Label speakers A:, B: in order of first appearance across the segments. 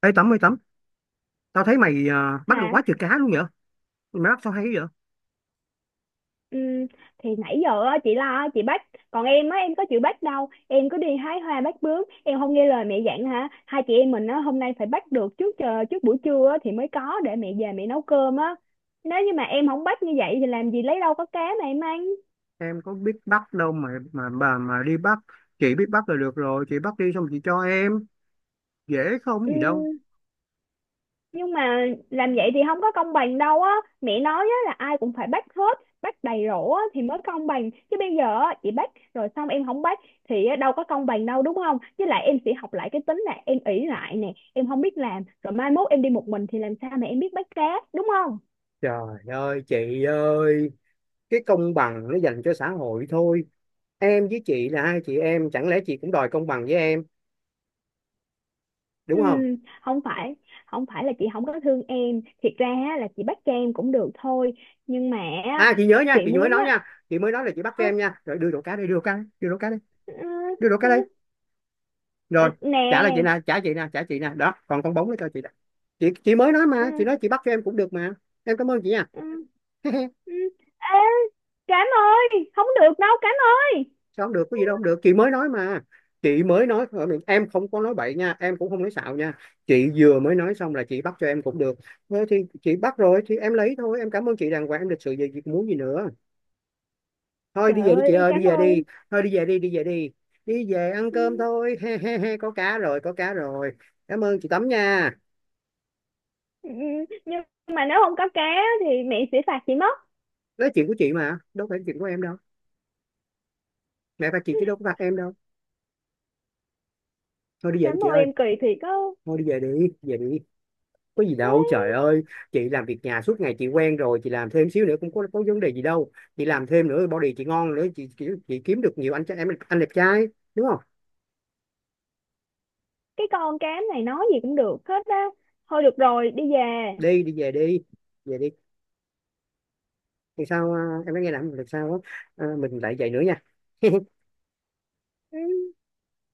A: Ê Tấm ơi Tấm, tao thấy mày bắt được
B: Hả?
A: quá trời cá luôn vậy? Mày bắt sao hay vậy?
B: Ừm, thì nãy giờ á, chị lo á, chị bắt, còn em á, em có chịu bắt đâu, em cứ đi hái hoa bắt bướm, em không nghe lời mẹ dặn hả? Hai chị em mình á, hôm nay phải bắt được trước, chờ trước buổi trưa á, thì mới có để mẹ về mẹ nấu cơm á. Nếu như mà em không bắt như vậy thì làm gì lấy đâu có cá mà em ăn.
A: Em có biết bắt đâu mà bà mà đi bắt, chị biết bắt là được rồi, chị bắt đi xong chị cho em, dễ không gì đâu.
B: Nhưng mà làm vậy thì không có công bằng đâu á. Mẹ nói á là ai cũng phải bắt hết, bắt đầy rổ á thì mới công bằng, chứ bây giờ á chị bắt rồi xong em không bắt thì á, đâu có công bằng đâu, đúng không? Với lại em sẽ học lại cái tính là em ỷ lại nè, em không biết làm, rồi mai mốt em đi một mình thì làm sao mà em biết bắt cá, đúng không?
A: Trời ơi chị ơi, cái công bằng nó dành cho xã hội thôi. Em với chị là hai chị em, chẳng lẽ chị cũng đòi công bằng với em,
B: Ừ,
A: đúng không?
B: không phải không phải là chị không có thương em, thiệt ra á là chị bắt cho em cũng được thôi, nhưng mà á,
A: À chị nhớ nha,
B: chị
A: chị mới
B: muốn
A: nói
B: á,
A: nha, chị mới nói là chị bắt cho
B: ơ,
A: em nha. Rồi đưa đồ cá đây, đưa đồ cá, đây, đưa đồ cá đây,
B: ơ,
A: đưa đồ cá đây.
B: ơ,
A: Rồi
B: nè.
A: trả lại chị nè, trả chị nè, trả chị nè, đó còn con bóng nó cho chị nè. Chị mới nói mà, chị nói
B: Ừ,
A: chị bắt cho em cũng được mà. Em cảm ơn chị nha.
B: ừ. Ừ. Ê, Cám ơi, không được đâu Cám ơi.
A: Sao không được, có gì đâu, không được chị mới nói mà, chị mới nói. Em không có nói bậy nha, em cũng không nói xạo nha. Chị vừa mới nói xong là chị bắt cho em cũng được, thế thì chị bắt rồi thì em lấy thôi. Em cảm ơn chị đàng hoàng, em lịch sự về việc muốn gì nữa. Thôi đi
B: Trời
A: về đi chị
B: ơi,
A: ơi, đi
B: Cám
A: về đi.
B: ơi.
A: Thôi đi về đi, đi về đi. Đi về ăn
B: Ừ,
A: cơm thôi, he he he, có cá rồi, có cá rồi. Cảm ơn chị Tấm nha.
B: ừ, ừ. Nhưng mà nếu không có cá thì mẹ sẽ phạt chị mất.
A: Đó là chuyện của chị mà, đâu phải chuyện của em đâu. Mẹ và chị chứ đâu có phạt em đâu. Thôi đi về đi
B: Cám
A: chị
B: ơi,
A: ơi.
B: em kỳ thiệt á.
A: Thôi đi về, đi về đi. Có gì đâu trời
B: Đấy,
A: ơi. Chị làm việc nhà suốt ngày chị quen rồi, chị làm thêm xíu nữa cũng có vấn đề gì đâu. Chị làm thêm nữa body chị ngon nữa, chị kiếm được nhiều anh trai- em anh đẹp trai, đúng không?
B: cái con Cám này nói gì cũng được hết á. Thôi được rồi, đi về.
A: Đi đi về đi, về đi. Thì sao em nói nghe nè, lần sau mình lại vậy nữa nha.
B: Ừ,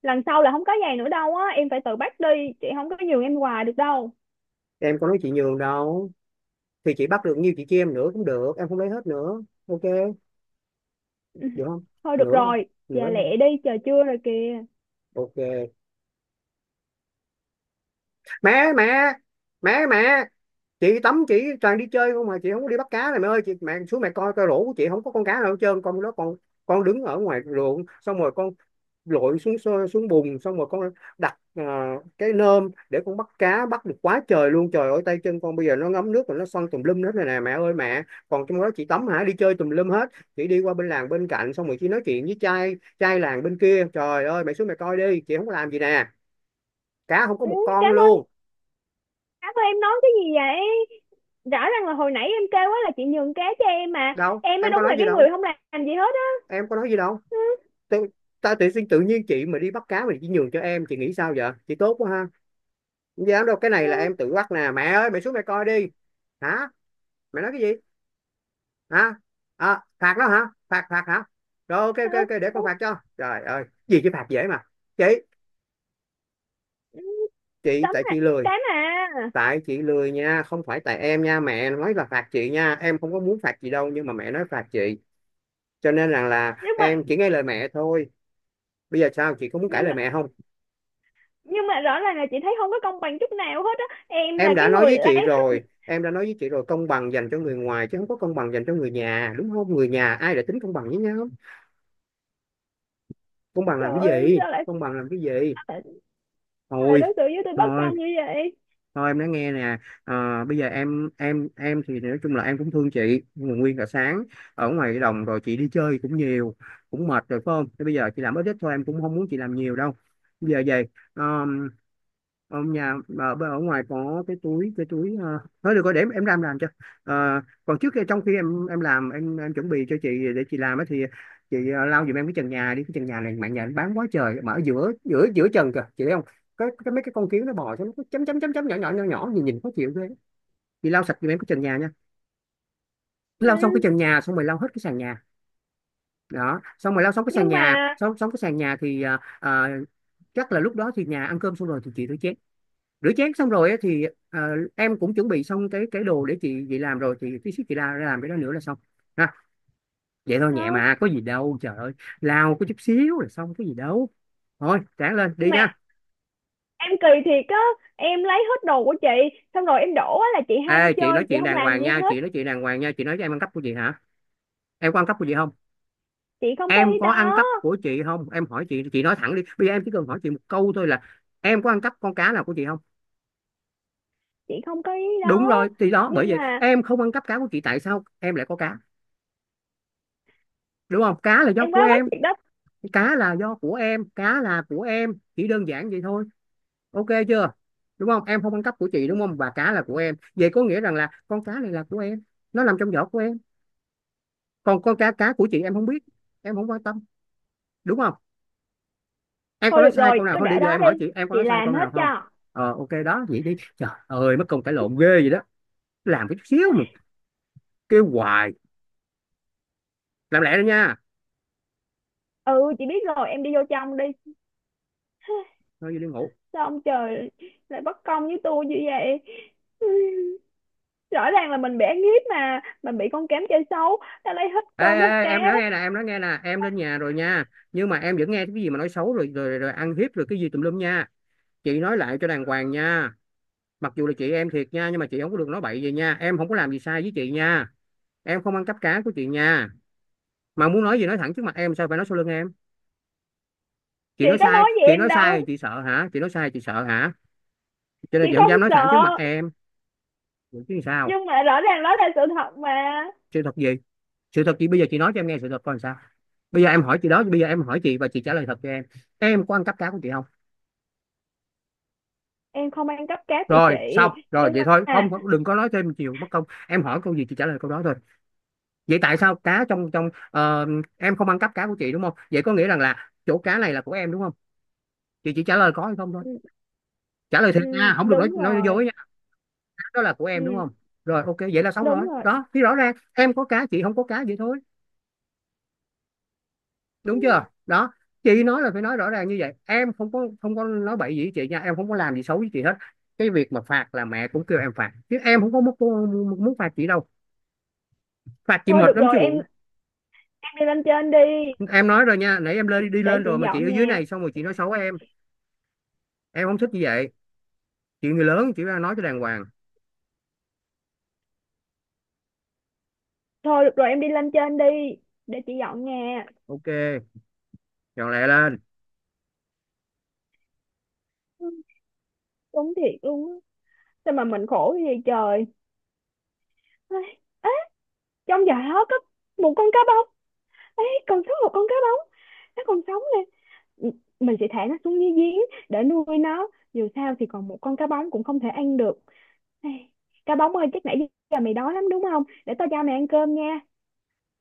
B: lần sau là không có giày nữa đâu á, em phải tự bắt đi, chị không có nhường em quà được đâu.
A: Em có nói chị nhường đâu, thì chị bắt được nhiêu chị chia em nữa cũng được, em không lấy hết nữa. Ok,
B: Ừ,
A: được không?
B: thôi được
A: Nửa thôi,
B: rồi, về
A: nửa thôi.
B: lẹ đi, trời trưa rồi kìa.
A: Ok. Mẹ mẹ, mẹ mẹ, chị tắm chị toàn đi chơi không mà chị không có đi bắt cá này mẹ ơi. Chị mẹ xuống mẹ coi coi rổ của chị không có con cá nào hết trơn. Con đó con đứng ở ngoài ruộng xong rồi con lội xuống xuống bùn xong rồi con đặt cái nơm để con bắt cá, bắt được quá trời luôn. Trời ơi tay chân con bây giờ nó ngấm nước rồi nó xoăn tùm lum hết này nè mẹ ơi mẹ. Còn trong đó chị tắm hả, đi chơi tùm lum hết. Chị đi qua bên làng bên cạnh xong rồi chị nói chuyện với trai trai làng bên kia. Trời ơi mẹ xuống mẹ coi đi, chị không có làm gì nè, cá không có
B: Ừ,
A: một con
B: Cám ơi,
A: luôn.
B: Cám ơi em nói cái gì vậy? Rõ ràng là hồi nãy em kêu á là chị nhường cá cho em, mà
A: Đâu
B: em mới
A: em có
B: đúng
A: nói
B: là
A: gì
B: cái
A: đâu,
B: người không làm gì hết á.
A: em có nói gì đâu.
B: Ừ,
A: Tự, ta tự sinh tự nhiên chị mà đi bắt cá mà chỉ nhường cho em, chị nghĩ sao vậy, chị tốt quá ha. Không dám đâu, cái
B: ừ,
A: này là em tự bắt nè mẹ ơi, mẹ xuống mẹ coi đi. Hả? Mẹ nói cái gì? Hả? Phạt đó hả? Phạt, phạt hả? Rồi ok
B: ừ,
A: ok ok, để
B: ừ,
A: con phạt cho. Trời ơi gì chứ phạt dễ mà. chị
B: ừ,
A: chị
B: Tấm
A: tại
B: à,
A: chị lười.
B: cái mà,
A: Tại chị lười nha, không phải tại em nha. Mẹ nói là phạt chị nha, em không có muốn phạt chị đâu nhưng mà mẹ nói phạt chị, cho nên rằng là
B: nhưng mà
A: em chỉ nghe lời mẹ thôi. Bây giờ sao chị có muốn cãi
B: nhưng
A: lời
B: mà
A: mẹ không?
B: nhưng mà rõ ràng là chị thấy không có công bằng chút nào hết á, em là
A: Em đã
B: cái
A: nói
B: người
A: với chị
B: lấy hết.
A: rồi, em đã nói với chị rồi, công bằng dành cho người ngoài chứ không có công bằng dành cho người nhà, đúng không? Người nhà ai đã tính công bằng với nhau. Công bằng làm
B: Trời
A: cái
B: ơi,
A: gì, công bằng làm cái gì.
B: sao lại sao lại
A: Thôi,
B: đối xử với tôi bất
A: thôi,
B: công như vậy.
A: thôi em nói nghe nè. Bây giờ em thì nói chung là em cũng thương chị nhưng mà nguyên cả sáng ở ngoài cái đồng rồi chị đi chơi cũng nhiều, cũng mệt rồi phải không? Thế bây giờ chị làm ít ít thôi, em cũng không muốn chị làm nhiều đâu. Bây giờ về ông nhà ở ngoài có cái túi, cái túi thôi được rồi để em làm cho. Còn trước khi trong khi em làm, em chuẩn bị cho chị để chị làm á, thì chị lau giùm em cái trần nhà đi. Cái trần nhà này mạng nhà nó bám quá trời mà, ở giữa giữa giữa trần kìa chị thấy không? Cái mấy cái con kiến nó bò cho nó cứ chấm chấm chấm chấm nhỏ nhỏ nhỏ nhỏ, nhìn nhìn khó chịu ghê. Chị lau sạch giùm em cái trần nhà nha.
B: Ừ,
A: Lau xong cái trần nhà xong rồi lau hết cái sàn nhà đó. Xong rồi lau xong cái sàn
B: nhưng
A: nhà,
B: mà
A: xong xong cái sàn nhà thì chắc là lúc đó thì nhà ăn cơm xong rồi thì chị tới chén, rửa chén xong rồi á thì em cũng chuẩn bị xong cái đồ để chị làm rồi, thì tí xíu chị ra ra làm cái đó nữa là xong ha. Vậy thôi
B: ờ,
A: nhẹ mà, có gì đâu trời ơi. Lao có chút xíu là xong, có gì đâu. Thôi sáng lên
B: nhưng
A: đi
B: mà
A: nha.
B: em kỳ thiệt á, em lấy hết đồ của chị, xong rồi em đổ á là chị ham
A: Ê chị nói
B: chơi chị
A: chuyện
B: không
A: đàng
B: làm
A: hoàng
B: gì
A: nha,
B: hết.
A: chị nói chuyện đàng hoàng nha, chị nói cho em ăn cắp của chị hả? Em có ăn cắp của chị không?
B: Chị không có
A: Em
B: ý
A: có ăn
B: đó.
A: cắp của chị không, em hỏi chị nói thẳng đi. Bây giờ em chỉ cần hỏi chị một câu thôi là em có ăn cắp con cá nào của chị không.
B: Chị không có ý
A: Đúng
B: đó.
A: rồi thì đó, bởi
B: Nhưng
A: vậy
B: mà
A: em không ăn cắp cá của chị, tại sao em lại có cá? Đúng không, cá là do
B: em
A: của
B: quá quánh
A: em.
B: thiệt đó.
A: Cá là do của em, cá là của em, chỉ đơn giản vậy thôi. Ok chưa? Đúng không, em không ăn cắp của chị đúng không, và cá là của em, vậy có nghĩa rằng là con cá này là của em, nó nằm trong vỏ của em. Còn con cá cá của chị em không biết, em không quan tâm. Đúng không? Em có
B: Thôi
A: nói
B: được
A: sai
B: rồi,
A: câu nào
B: cứ
A: không, điều
B: để
A: giờ
B: đó
A: em hỏi
B: đi.
A: chị, em có
B: Chị
A: nói sai câu
B: làm hết
A: nào không?
B: cho.
A: Ờ ok, đó vậy đi. Trời ơi mất công cãi lộn ghê vậy đó, làm cái chút xíu mà kêu hoài. Làm lẹ đi nha.
B: Ừ, chị biết rồi, em đi vô trong đi.
A: Thôi đi ngủ.
B: Sao ông trời lại bất công với tôi như vậy? Rõ ràng là mình bị ăn hiếp mà. Mình bị con Cám chơi xấu. Ta lấy hết
A: Ê
B: tôm, hết
A: ê,
B: cá.
A: em nói nghe nè, em nói nghe nè, em lên nhà rồi nha nhưng mà em vẫn nghe cái gì mà nói xấu rồi rồi rồi ăn hiếp rồi cái gì tùm lum nha. Chị nói lại cho đàng hoàng nha. Mặc dù là chị em thiệt nha nhưng mà chị không có được nói bậy gì nha, em không có làm gì sai với chị nha, em không ăn cắp cá của chị nha. Mà muốn nói gì nói thẳng trước mặt em, sao phải nói sau lưng em. Chị
B: Chị
A: nói
B: có
A: sai,
B: nói gì
A: chị
B: em
A: nói sai
B: đâu.
A: chị sợ hả? Chị nói sai chị sợ hả? Cho
B: Chị
A: nên chị không
B: không
A: dám nói thẳng trước mặt
B: sợ.
A: em. Vậy chứ sao.
B: Nhưng mà rõ ràng đó là sự thật mà.
A: Sự thật gì? Sự thật chị bây giờ chị nói cho em nghe sự thật coi làm sao. Bây giờ em hỏi chị đó, bây giờ em hỏi chị và chị trả lời thật cho em. Em có ăn cắp cá của chị không?
B: Em không ăn cắp cá của chị.
A: Rồi xong rồi
B: Nhưng
A: vậy thôi, không
B: mà...
A: đừng có nói thêm chiều mất công, em hỏi câu gì chị trả lời câu đó thôi. Vậy tại sao cá trong trong ờ, em không ăn cắp cá của chị đúng không, vậy có nghĩa rằng là chỗ cá này là của em đúng không. Chị chỉ trả lời có hay không thôi.
B: Ừ,
A: Trả lời
B: ừ,
A: thiệt nha, không được nói
B: đúng
A: nói
B: rồi.
A: dối nha. Cá đó là của em đúng
B: Ừ,
A: không? Rồi ok vậy là xong
B: đúng
A: rồi
B: rồi.
A: đó, thì rõ ràng em có cá chị không có cá, vậy thôi. Đúng chưa đó. Chị nói là phải nói rõ ràng như vậy, em không có, không có nói bậy gì với chị nha, em không có làm gì xấu với chị hết. Cái việc mà phạt là mẹ cũng kêu em phạt chứ em không có muốn muốn phạt chị đâu. Phạt chị
B: Thôi
A: mệt
B: được
A: lắm
B: rồi,
A: chứ
B: em
A: bộ.
B: em đi lên trên đi.
A: Em nói rồi nha, nãy em lên đi
B: Để
A: lên
B: chị
A: rồi mà chị ở
B: dọn
A: dưới
B: nhà.
A: này xong rồi chị nói xấu Em không thích như vậy. Chuyện người lớn chỉ ra nói cho đàng hoàng.
B: Thôi được rồi, em đi lên trên đi, để chị dọn nhà.
A: Ok, dọn lẹ lên.
B: Ừ, đúng thiệt luôn á, sao mà mình khổ cái gì trời. Ấy, ấy, trong giỏ đó có một con cá bóng, ấy còn sống, một con cá bóng, nó còn sống nè. M- mình sẽ thả nó xuống dưới giếng để nuôi nó. Dù sao thì còn một con cá bóng cũng không thể ăn được. Ai, cá bóng ơi, chắc nãy giờ mày đói lắm đúng không, để tao cho mày ăn cơm nha.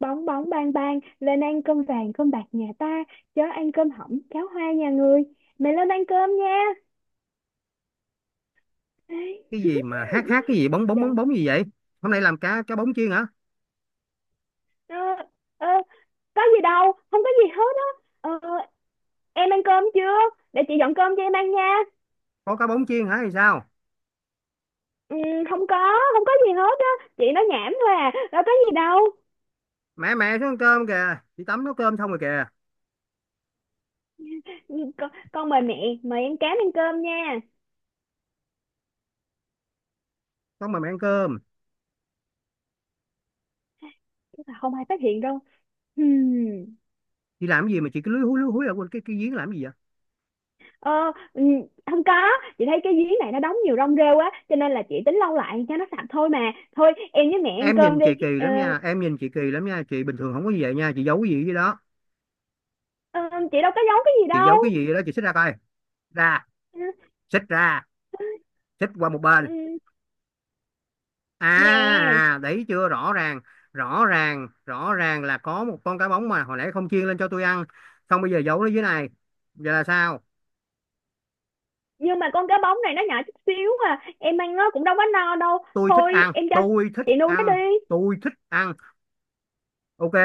B: Bóng bóng bang bang, lên ăn cơm vàng cơm bạc nhà ta, chớ ăn cơm hỏng cháo hoa nhà người. Mày lên ăn cơm nha. Ai,
A: Cái gì mà hát hát cái gì bóng bóng bóng
B: trời.
A: bóng gì vậy? Hôm nay làm cá cá bóng chiên hả?
B: Ờ, ờ, có gì đâu, không có gì hết á. Ờ, em ăn cơm chưa, để chị dọn cơm cho em ăn nha.
A: Có cá bóng chiên hả thì sao?
B: Ừ, không có, không có gì hết á, chị nói nhảm thôi à, đâu có gì đâu.
A: Mẹ, mẹ xuống ăn cơm kìa, chị tắm nấu cơm xong rồi kìa.
B: Ừ, con mời mẹ, mời em Cám ăn cơm nha.
A: Xong mà mẹ ăn cơm.
B: Chắc là không ai phát hiện đâu. Hmm.
A: Chị làm cái gì mà chị cứ lúi húi ở quên cái giếng làm cái gì vậy?
B: Ờ, ừ, không có, chị thấy cái giếng này nó đóng nhiều rong rêu á cho nên là chị tính lau lại cho nó sạch thôi mà, thôi em với mẹ ăn
A: Em
B: cơm
A: nhìn
B: đi.
A: chị kỳ
B: Ờ,
A: lắm nha, em nhìn chị kỳ lắm nha, chị bình thường không có gì vậy nha, chị giấu cái gì vậy đó?
B: ờ, chị đâu có giấu cái gì
A: Chị
B: đâu.
A: giấu cái gì vậy đó? Chị xích ra coi, ra,
B: Ừ,
A: xích ra, xích qua một bên.
B: ừ,
A: À.
B: nè,
A: Đấy chưa rõ ràng, rõ ràng là có một con cá bóng mà hồi nãy không chiên lên cho tôi ăn, xong bây giờ giấu nó dưới này. Giờ là sao?
B: nhưng mà con cá bóng này nó nhỏ chút xíu à, em ăn nó cũng đâu có no đâu.
A: Tôi thích
B: Thôi
A: ăn,
B: em cho
A: tôi thích
B: chị nuôi nó
A: ăn,
B: đi.
A: tôi thích ăn. Ok,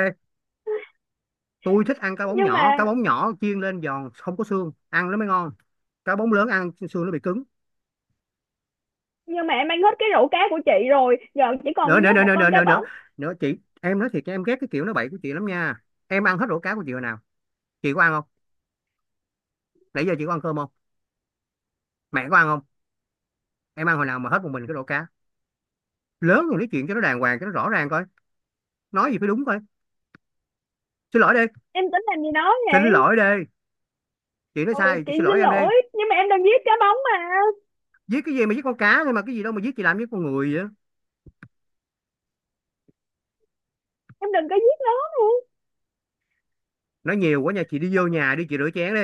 A: tôi thích ăn cá bóng
B: nhưng
A: nhỏ,
B: mà
A: cá bóng nhỏ chiên lên giòn không có xương ăn nó mới ngon. Cá bóng lớn ăn xương nó bị cứng.
B: nhưng mà em ăn hết cái rổ cá của chị rồi, giờ chỉ còn
A: Nữa,
B: duy
A: nữa,
B: nhất
A: nữa,
B: một
A: nữa, nữa,
B: con cá
A: nữa, nữa,
B: bóng.
A: nữa chị. Em nói thiệt cho em ghét cái kiểu nói bậy của chị lắm nha. Em ăn hết rổ cá của chị hồi nào? Chị có ăn không? Nãy giờ chị có ăn cơm không? Mẹ có ăn không? Em ăn hồi nào mà hết một mình cái rổ cá? Lớn rồi nói chuyện cho nó đàng hoàng cho nó rõ ràng coi, nói gì phải đúng coi. Xin lỗi đi,
B: Em tính làm gì đó
A: xin
B: vậy?
A: lỗi đi, chị nói
B: Ừ,
A: sai
B: chị
A: chị xin
B: xin
A: lỗi em đi.
B: lỗi, nhưng mà em đừng giết cá bóng mà,
A: Giết cái gì mà giết? Con cá thôi mà, cái gì đâu mà giết, chị làm giết con người vậy.
B: em đừng có giết nó luôn.
A: Nói nhiều quá nha, chị đi vô nhà đi, chị rửa chén đi.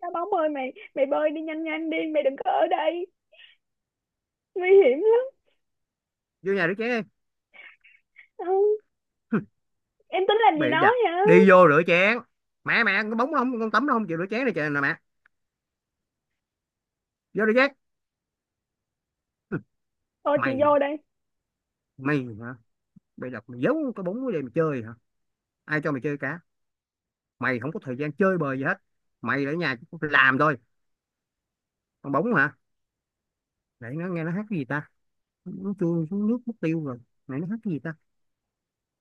B: Cá bóng ơi, mày mày bơi đi, nhanh nhanh đi, mày đừng có ở đây, nguy hiểm lắm.
A: Vô nhà rửa chén đi.
B: Ừ, em tính làm gì
A: Bị
B: nó
A: đặt
B: vậy?
A: đi vô rửa chén. Mẹ, mẹ, con bóng nó không, con tắm nó không chịu rửa chén này trời nè mẹ. Vô rửa chén.
B: Thôi chị
A: Mày,
B: vô đây.
A: mày hả? Bị đặt mày giấu cái bóng đây mà chơi hả? Ai cho mày chơi cá? Mày không có thời gian chơi bời gì hết, mày ở nhà chỉ làm thôi. Con bóng hả? Nãy nó nghe nó hát cái gì ta? Nó trôi xuống nước mất tiêu rồi. Nãy nó hát cái gì ta?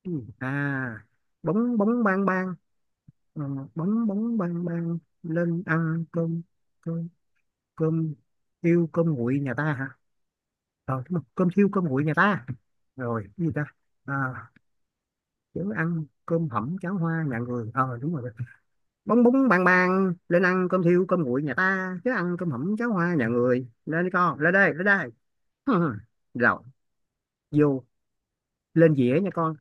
A: Cái à, bóng bóng bang bang. Ờ, bóng bóng bang bang lên ăn cơm, cơm, cơm thiêu cơm nguội nhà ta hả? Ờ đúng rồi, cơm thiêu cơm nguội nhà ta, rồi cái gì ta? À, chớ ăn cơm hẩm cháo hoa nhà người, ờ đúng rồi. Bóng bóng bang bang lên ăn cơm thiêu cơm nguội nhà ta, chớ ăn cơm hẩm cháo hoa nhà người, lên đi con, lên đây, lên đây. Rồi, vô, lên dĩa nha con.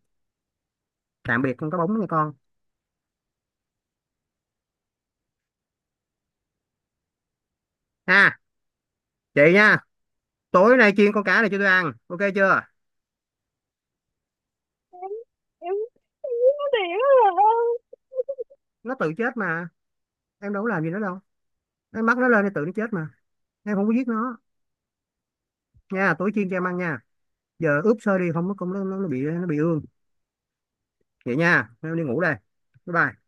A: Tạm biệt con cá bóng nha con. Ha, chị nha, tối nay chiên con cá này cho tôi ăn, ok chưa?
B: Em em giết nó thiệt rồi.
A: Nó tự chết mà, em đâu có làm gì nó đâu, em bắt nó lên thì tự nó chết mà, em không có giết nó. Nha, tối chiên cho em ăn nha. Giờ ướp sơ đi không nó cũng nó bị bị ương. Vậy nha, em đi ngủ đây, bye bye.